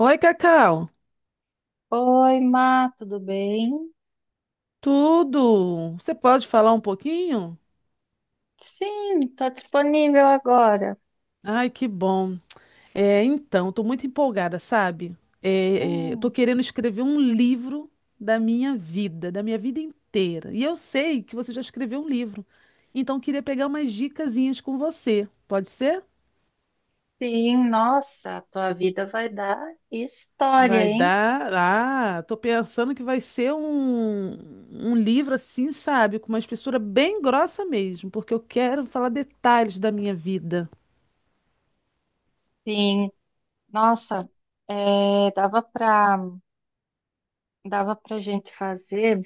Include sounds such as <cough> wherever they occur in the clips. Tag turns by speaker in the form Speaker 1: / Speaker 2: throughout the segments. Speaker 1: Oi, Cacau.
Speaker 2: Oi, Má, tudo bem?
Speaker 1: Tudo? Você pode falar um pouquinho?
Speaker 2: Sim, estou disponível agora.
Speaker 1: Ai, que bom. Então, estou muito empolgada, sabe? Estou
Speaker 2: Hum,
Speaker 1: querendo escrever um livro da minha vida inteira. E eu sei que você já escreveu um livro. Então, eu queria pegar umas dicasinhas com você. Pode ser?
Speaker 2: sim, nossa, a tua vida vai dar história,
Speaker 1: Vai
Speaker 2: hein?
Speaker 1: dar. Ah, tô pensando que vai ser um livro assim, sabe? Com uma espessura bem grossa mesmo, porque eu quero falar detalhes da minha vida.
Speaker 2: Sim, nossa, é, dava para gente fazer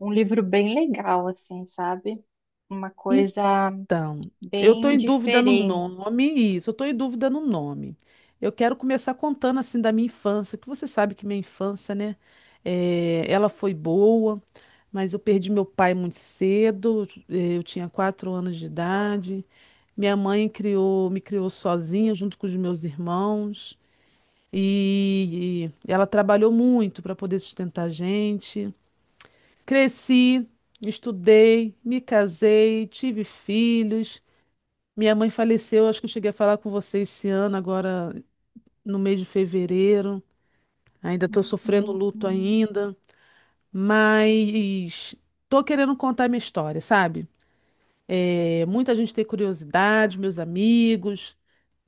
Speaker 2: um livro bem legal, assim, sabe? Uma coisa
Speaker 1: Então, eu estou
Speaker 2: bem
Speaker 1: em dúvida no
Speaker 2: diferente.
Speaker 1: nome, isso, eu estou em dúvida no nome. Eu quero começar contando assim da minha infância, que você sabe que minha infância, né? Ela foi boa, mas eu perdi meu pai muito cedo, eu tinha 4 anos de idade. Minha mãe me criou sozinha junto com os meus irmãos e ela trabalhou muito para poder sustentar a gente. Cresci, estudei, me casei, tive filhos. Minha mãe faleceu, acho que eu cheguei a falar com você esse ano, agora no mês de fevereiro. Ainda estou sofrendo luto
Speaker 2: Uhum,
Speaker 1: ainda, mas tô querendo contar minha história, sabe? É, muita gente tem curiosidade, meus amigos,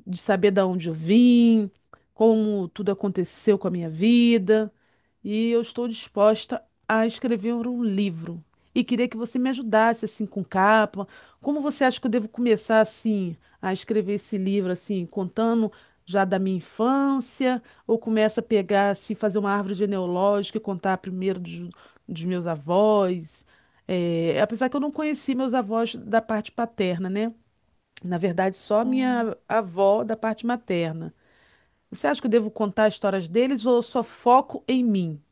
Speaker 1: de saber da onde eu vim, como tudo aconteceu com a minha vida. E eu estou disposta a escrever um livro. E queria que você me ajudasse assim com capa. Como você acha que eu devo começar assim a escrever esse livro assim, contando já da minha infância, ou começa a pegar assim, fazer uma árvore genealógica e contar primeiro dos meus avós? É, apesar que eu não conheci meus avós da parte paterna, né? Na verdade, só
Speaker 2: sim.
Speaker 1: minha avó da parte materna. Você acha que eu devo contar histórias deles ou só foco em mim?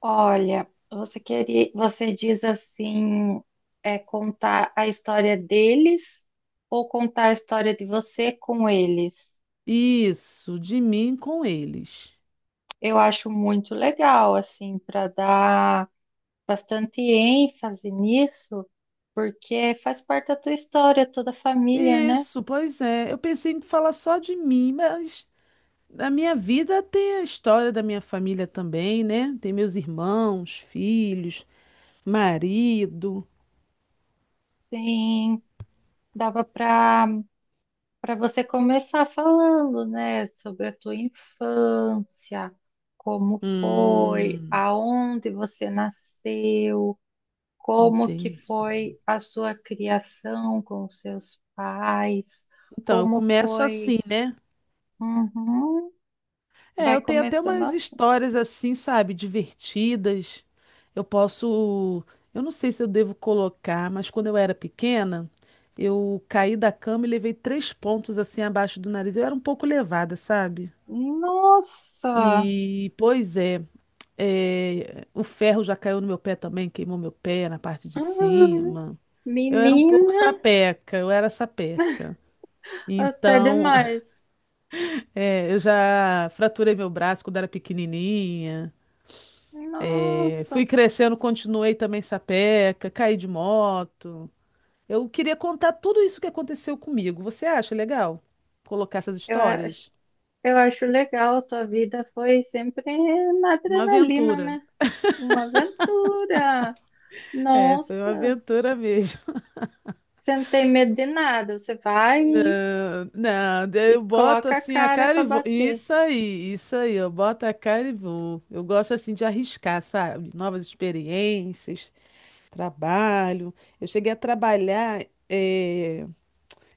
Speaker 2: Olha, você queria, você diz assim, é contar a história deles ou contar a história de você com eles?
Speaker 1: Isso, de mim com eles.
Speaker 2: Eu acho muito legal, assim, para dar bastante ênfase nisso, porque faz parte da tua história, toda a família, né?
Speaker 1: Isso, pois é. Eu pensei em falar só de mim, mas na minha vida tem a história da minha família também, né? Tem meus irmãos, filhos, marido.
Speaker 2: Sim, dava para você começar falando, né, sobre a tua infância, como foi,
Speaker 1: Hum,
Speaker 2: aonde você nasceu, como que
Speaker 1: entendi.
Speaker 2: foi a sua criação com os seus pais,
Speaker 1: Então, eu
Speaker 2: como
Speaker 1: começo
Speaker 2: foi.
Speaker 1: assim, né?
Speaker 2: Uhum.
Speaker 1: É,
Speaker 2: Vai
Speaker 1: eu tenho até
Speaker 2: começando
Speaker 1: umas
Speaker 2: assim.
Speaker 1: histórias assim, sabe, divertidas. Eu posso, eu não sei se eu devo colocar, mas quando eu era pequena, eu caí da cama e levei três pontos assim abaixo do nariz. Eu era um pouco levada, sabe?
Speaker 2: Nossa.
Speaker 1: E, pois é, é, o ferro já caiu no meu pé também, queimou meu pé na parte de
Speaker 2: Hum,
Speaker 1: cima. Eu era um pouco
Speaker 2: menina,
Speaker 1: sapeca, eu era sapeca.
Speaker 2: até
Speaker 1: Então,
Speaker 2: demais.
Speaker 1: <laughs> é, eu já fraturei meu braço quando era pequenininha. É, fui
Speaker 2: Nossa,
Speaker 1: crescendo, continuei também sapeca, caí de moto. Eu queria contar tudo isso que aconteceu comigo. Você acha legal colocar essas
Speaker 2: eu acho
Speaker 1: histórias?
Speaker 2: eu acho legal, a tua vida foi sempre na
Speaker 1: Uma
Speaker 2: adrenalina,
Speaker 1: aventura.
Speaker 2: né? Uma aventura.
Speaker 1: É, foi uma
Speaker 2: Nossa,
Speaker 1: aventura mesmo.
Speaker 2: você não tem medo de nada, você vai
Speaker 1: <laughs> Não, daí
Speaker 2: e
Speaker 1: eu boto
Speaker 2: coloca a
Speaker 1: assim a
Speaker 2: cara
Speaker 1: cara
Speaker 2: para
Speaker 1: e vou.
Speaker 2: bater.
Speaker 1: Isso aí, eu boto a cara e vou. Eu gosto assim de arriscar, sabe? Novas experiências, trabalho. Eu cheguei a trabalhar.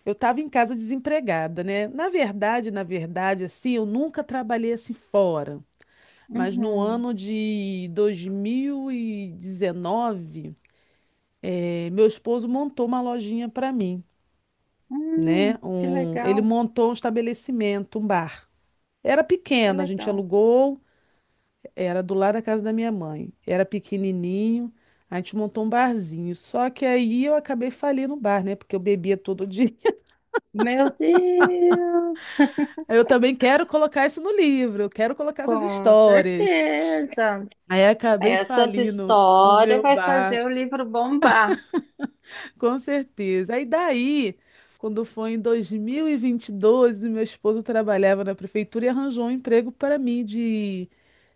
Speaker 1: Eu estava em casa desempregada, né? Na verdade, assim, eu nunca trabalhei assim fora. Mas no
Speaker 2: Uhum.
Speaker 1: ano de 2019, meu esposo montou uma lojinha para mim, né?
Speaker 2: Que
Speaker 1: Um, ele
Speaker 2: legal,
Speaker 1: montou um estabelecimento, um bar. Era
Speaker 2: que
Speaker 1: pequeno, a gente
Speaker 2: legal.
Speaker 1: alugou, era do lado da casa da minha mãe. Era pequenininho, a gente montou um barzinho. Só que aí eu acabei falindo no bar, né? Porque eu bebia todo dia.
Speaker 2: Meu Deus,
Speaker 1: Eu também quero colocar isso no livro, eu quero
Speaker 2: <laughs>
Speaker 1: colocar essas
Speaker 2: com
Speaker 1: histórias.
Speaker 2: certeza.
Speaker 1: Aí acabei
Speaker 2: Essas
Speaker 1: falindo o
Speaker 2: histórias
Speaker 1: meu
Speaker 2: vai
Speaker 1: bar,
Speaker 2: fazer o livro bombar.
Speaker 1: com certeza. Aí daí, quando foi em 2022, meu esposo trabalhava na prefeitura e arranjou um emprego para mim de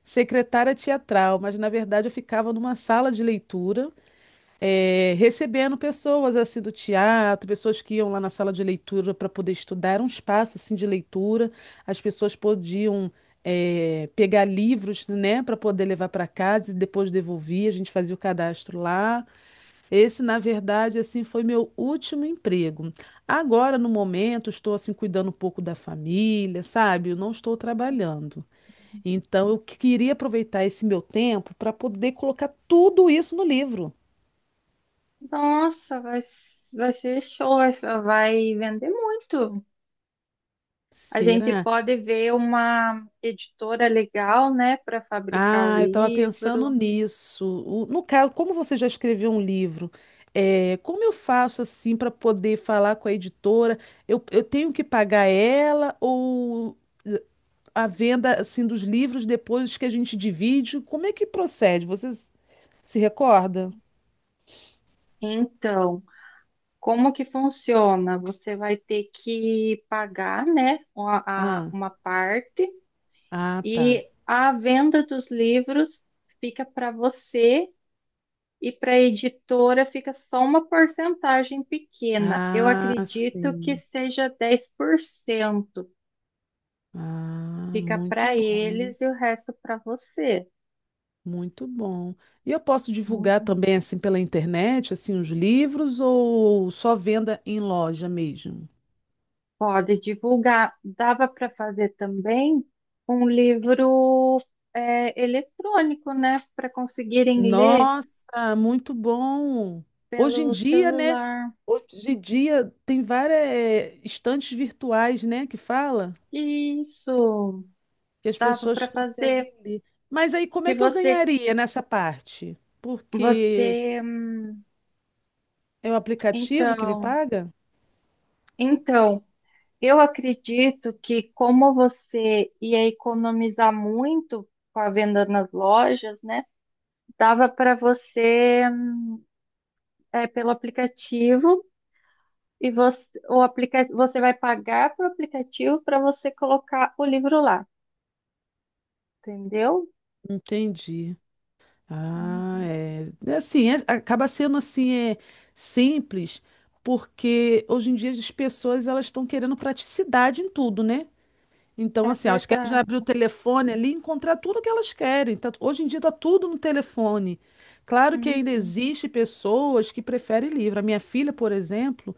Speaker 1: secretária teatral, mas na verdade eu ficava numa sala de leitura recebendo pessoas assim do teatro, pessoas que iam lá na sala de leitura para poder estudar, era um espaço assim de leitura, as pessoas podiam pegar livros, né, para poder levar para casa e depois devolver, a gente fazia o cadastro lá. Esse, na verdade, assim, foi meu último emprego. Agora, no momento, estou assim cuidando um pouco da família, sabe? Eu não estou trabalhando. Então, eu queria aproveitar esse meu tempo para poder colocar tudo isso no livro.
Speaker 2: Nossa, vai, vai ser show, vai vai vender muito. A gente
Speaker 1: Será?
Speaker 2: pode ver uma editora legal, né, para fabricar o
Speaker 1: Ah, eu estava pensando
Speaker 2: livro.
Speaker 1: nisso. No caso, como você já escreveu um livro, é, como eu faço assim para poder falar com a editora? Eu tenho que pagar ela ou eh, a venda assim dos livros depois que a gente divide? Como é que procede? Você se recorda?
Speaker 2: Então, como que funciona? Você vai ter que pagar, né, uma, a-
Speaker 1: Ah,
Speaker 2: uma parte
Speaker 1: ah, tá.
Speaker 2: e a venda dos livros fica para você e para a editora fica só uma porcentagem pequena. Eu
Speaker 1: Ah,
Speaker 2: acredito que
Speaker 1: sim.
Speaker 2: seja 10%.
Speaker 1: Ah,
Speaker 2: Fica
Speaker 1: muito
Speaker 2: para
Speaker 1: bom.
Speaker 2: eles e o resto para você.
Speaker 1: Muito bom. E eu posso divulgar
Speaker 2: Uhum.
Speaker 1: também assim pela internet, assim, os livros ou só venda em loja mesmo?
Speaker 2: Pode divulgar. Dava para fazer também um livro é, eletrônico, né? Para conseguirem ler
Speaker 1: Nossa, muito bom. Hoje em
Speaker 2: pelo
Speaker 1: dia, né?
Speaker 2: celular.
Speaker 1: Hoje em dia tem várias estantes virtuais, né, que fala
Speaker 2: Isso,
Speaker 1: que as
Speaker 2: dava
Speaker 1: pessoas
Speaker 2: para fazer.
Speaker 1: conseguem ler. Mas aí como
Speaker 2: Que
Speaker 1: é que eu
Speaker 2: você,
Speaker 1: ganharia nessa parte? Porque
Speaker 2: você,
Speaker 1: é o aplicativo que me
Speaker 2: então,
Speaker 1: paga?
Speaker 2: então, eu acredito que como você ia economizar muito com a venda nas lojas, né? Dava para você é, pelo aplicativo. E você, o aplica, você vai pagar para o aplicativo para você colocar o livro lá, entendeu?
Speaker 1: Entendi. Ah,
Speaker 2: Uhum.
Speaker 1: é. É assim, acaba sendo assim, é simples, porque hoje em dia as pessoas elas estão querendo praticidade em tudo, né? Então,
Speaker 2: É
Speaker 1: assim, elas querem já
Speaker 2: verdade.
Speaker 1: abrir o telefone ali e encontrar tudo que elas querem. Hoje em dia está tudo no telefone. Claro que ainda
Speaker 2: Uhum.
Speaker 1: existe pessoas que preferem livro. A minha filha, por exemplo,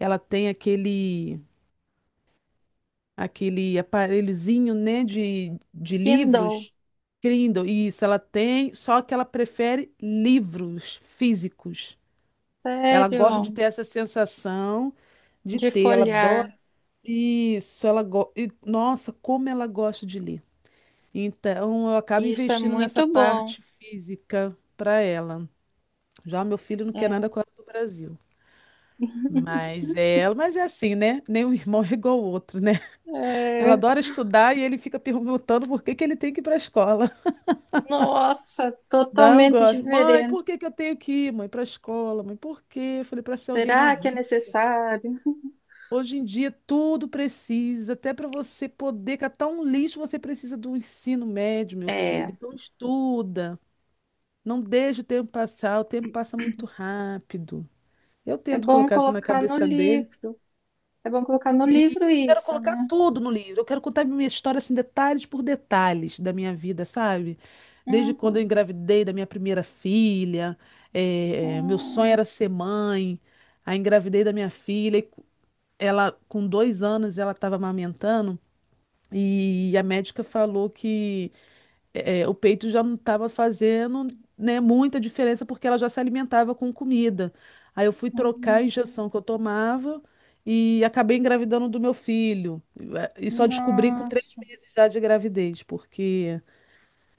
Speaker 1: ela tem aquele aparelhozinho, né, de
Speaker 2: Kindle,
Speaker 1: livros. Kindle. Isso, ela tem, só que ela prefere livros físicos. Ela gosta de
Speaker 2: sério,
Speaker 1: ter essa sensação de
Speaker 2: de
Speaker 1: ter, ela adora
Speaker 2: folhear.
Speaker 1: isso, e, nossa, como ela gosta de ler. Então, eu acabo
Speaker 2: Isso é
Speaker 1: investindo nessa
Speaker 2: muito bom.
Speaker 1: parte física para ela. Já o meu filho não quer
Speaker 2: É.
Speaker 1: nada com ela do Brasil.
Speaker 2: <laughs>
Speaker 1: Mas ela, mas é assim, né? Nem um irmão <laughs> é igual ao outro, né? Ela
Speaker 2: É.
Speaker 1: adora estudar e ele fica perguntando por que que ele tem que ir para a escola. <laughs>
Speaker 2: Nossa,
Speaker 1: Não
Speaker 2: totalmente
Speaker 1: gosto. Mãe,
Speaker 2: diferente.
Speaker 1: por que que eu tenho que ir, mãe, para a escola? Mãe, por quê? Eu falei, para ser alguém na
Speaker 2: Será que é
Speaker 1: vida.
Speaker 2: necessário?
Speaker 1: Hoje em dia tudo precisa, até para você poder catar um lixo, você precisa do ensino médio, meu filho.
Speaker 2: É,
Speaker 1: Então estuda. Não deixe o tempo passar, o tempo passa muito rápido. Eu
Speaker 2: é
Speaker 1: tento
Speaker 2: bom
Speaker 1: colocar isso na
Speaker 2: colocar no
Speaker 1: cabeça dele.
Speaker 2: livro. É bom colocar no
Speaker 1: E
Speaker 2: livro
Speaker 1: isso, quero
Speaker 2: isso,
Speaker 1: colocar
Speaker 2: né?
Speaker 1: tudo no livro. Eu quero contar minha história assim, detalhes por detalhes da minha vida, sabe? Desde quando eu
Speaker 2: Uhum.
Speaker 1: engravidei da minha primeira filha, meu sonho
Speaker 2: Uhum.
Speaker 1: era ser mãe. Aí engravidei da minha filha, e ela com 2 anos ela estava amamentando e a médica falou que o peito já não estava fazendo, né, muita diferença porque ela já se alimentava com comida. Aí eu fui trocar a
Speaker 2: Uhum.
Speaker 1: injeção que eu tomava e acabei engravidando do meu filho. E só descobri com três
Speaker 2: Nossa.
Speaker 1: dias já de gravidez, porque,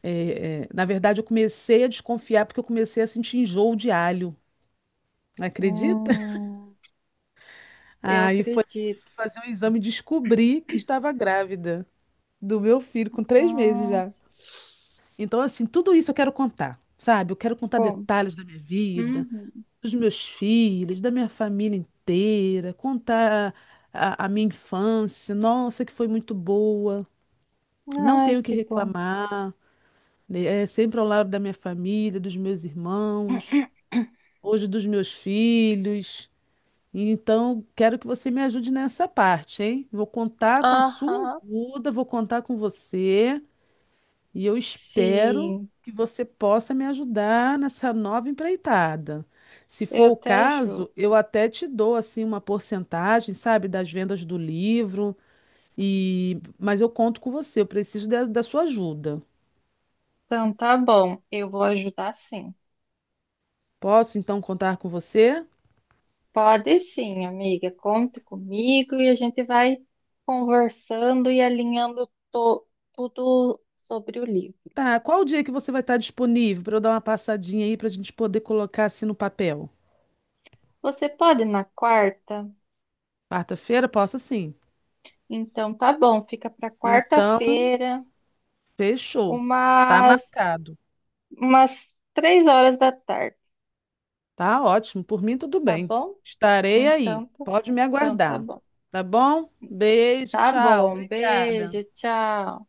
Speaker 1: na verdade, eu comecei a desconfiar porque eu comecei a sentir enjoo de alho. Acredita? <laughs>
Speaker 2: Hum, eu
Speaker 1: Aí foi
Speaker 2: acredito.
Speaker 1: fazer um exame e descobri que estava grávida do meu filho, com 3 meses já.
Speaker 2: Nossa,
Speaker 1: Então, assim, tudo isso eu quero contar, sabe? Eu quero contar
Speaker 2: como?
Speaker 1: detalhes da minha vida,
Speaker 2: Uhum.
Speaker 1: dos meus filhos, da minha família inteira, contar a minha infância. Nossa, que foi muito boa. Não
Speaker 2: Ai,
Speaker 1: tenho o que
Speaker 2: que bom.
Speaker 1: reclamar, né? É sempre ao lado da minha família, dos meus irmãos,
Speaker 2: <clears throat>
Speaker 1: hoje dos meus filhos. Então, quero que você me ajude nessa parte, hein? Vou contar com a sua
Speaker 2: Aham,
Speaker 1: ajuda, vou contar com você. E eu espero
Speaker 2: sim,
Speaker 1: que você possa me ajudar nessa nova empreitada. Se
Speaker 2: eu
Speaker 1: for o
Speaker 2: te ajudo.
Speaker 1: caso, eu até te dou assim uma porcentagem, sabe, das vendas do livro. E mas eu conto com você, eu preciso da sua ajuda.
Speaker 2: Então tá bom, eu vou ajudar sim.
Speaker 1: Posso então contar com você?
Speaker 2: Pode sim, amiga, conte comigo e a gente vai conversando e alinhando to- tudo sobre o livro.
Speaker 1: Tá, qual o dia que você vai estar disponível para eu dar uma passadinha aí para a gente poder colocar assim no papel?
Speaker 2: Você pode na quarta?
Speaker 1: Quarta-feira, posso sim.
Speaker 2: Então tá bom, fica para
Speaker 1: Então,
Speaker 2: quarta-feira,
Speaker 1: fechou. Tá
Speaker 2: umas
Speaker 1: marcado.
Speaker 2: umas 3 horas da tarde,
Speaker 1: Tá ótimo, por mim tudo
Speaker 2: tá
Speaker 1: bem.
Speaker 2: bom?
Speaker 1: Estarei aí.
Speaker 2: Então, tá-
Speaker 1: Pode me
Speaker 2: então tá
Speaker 1: aguardar.
Speaker 2: bom.
Speaker 1: Tá bom? Beijo,
Speaker 2: Tá
Speaker 1: tchau.
Speaker 2: bom,
Speaker 1: Obrigada.
Speaker 2: beijo, tchau.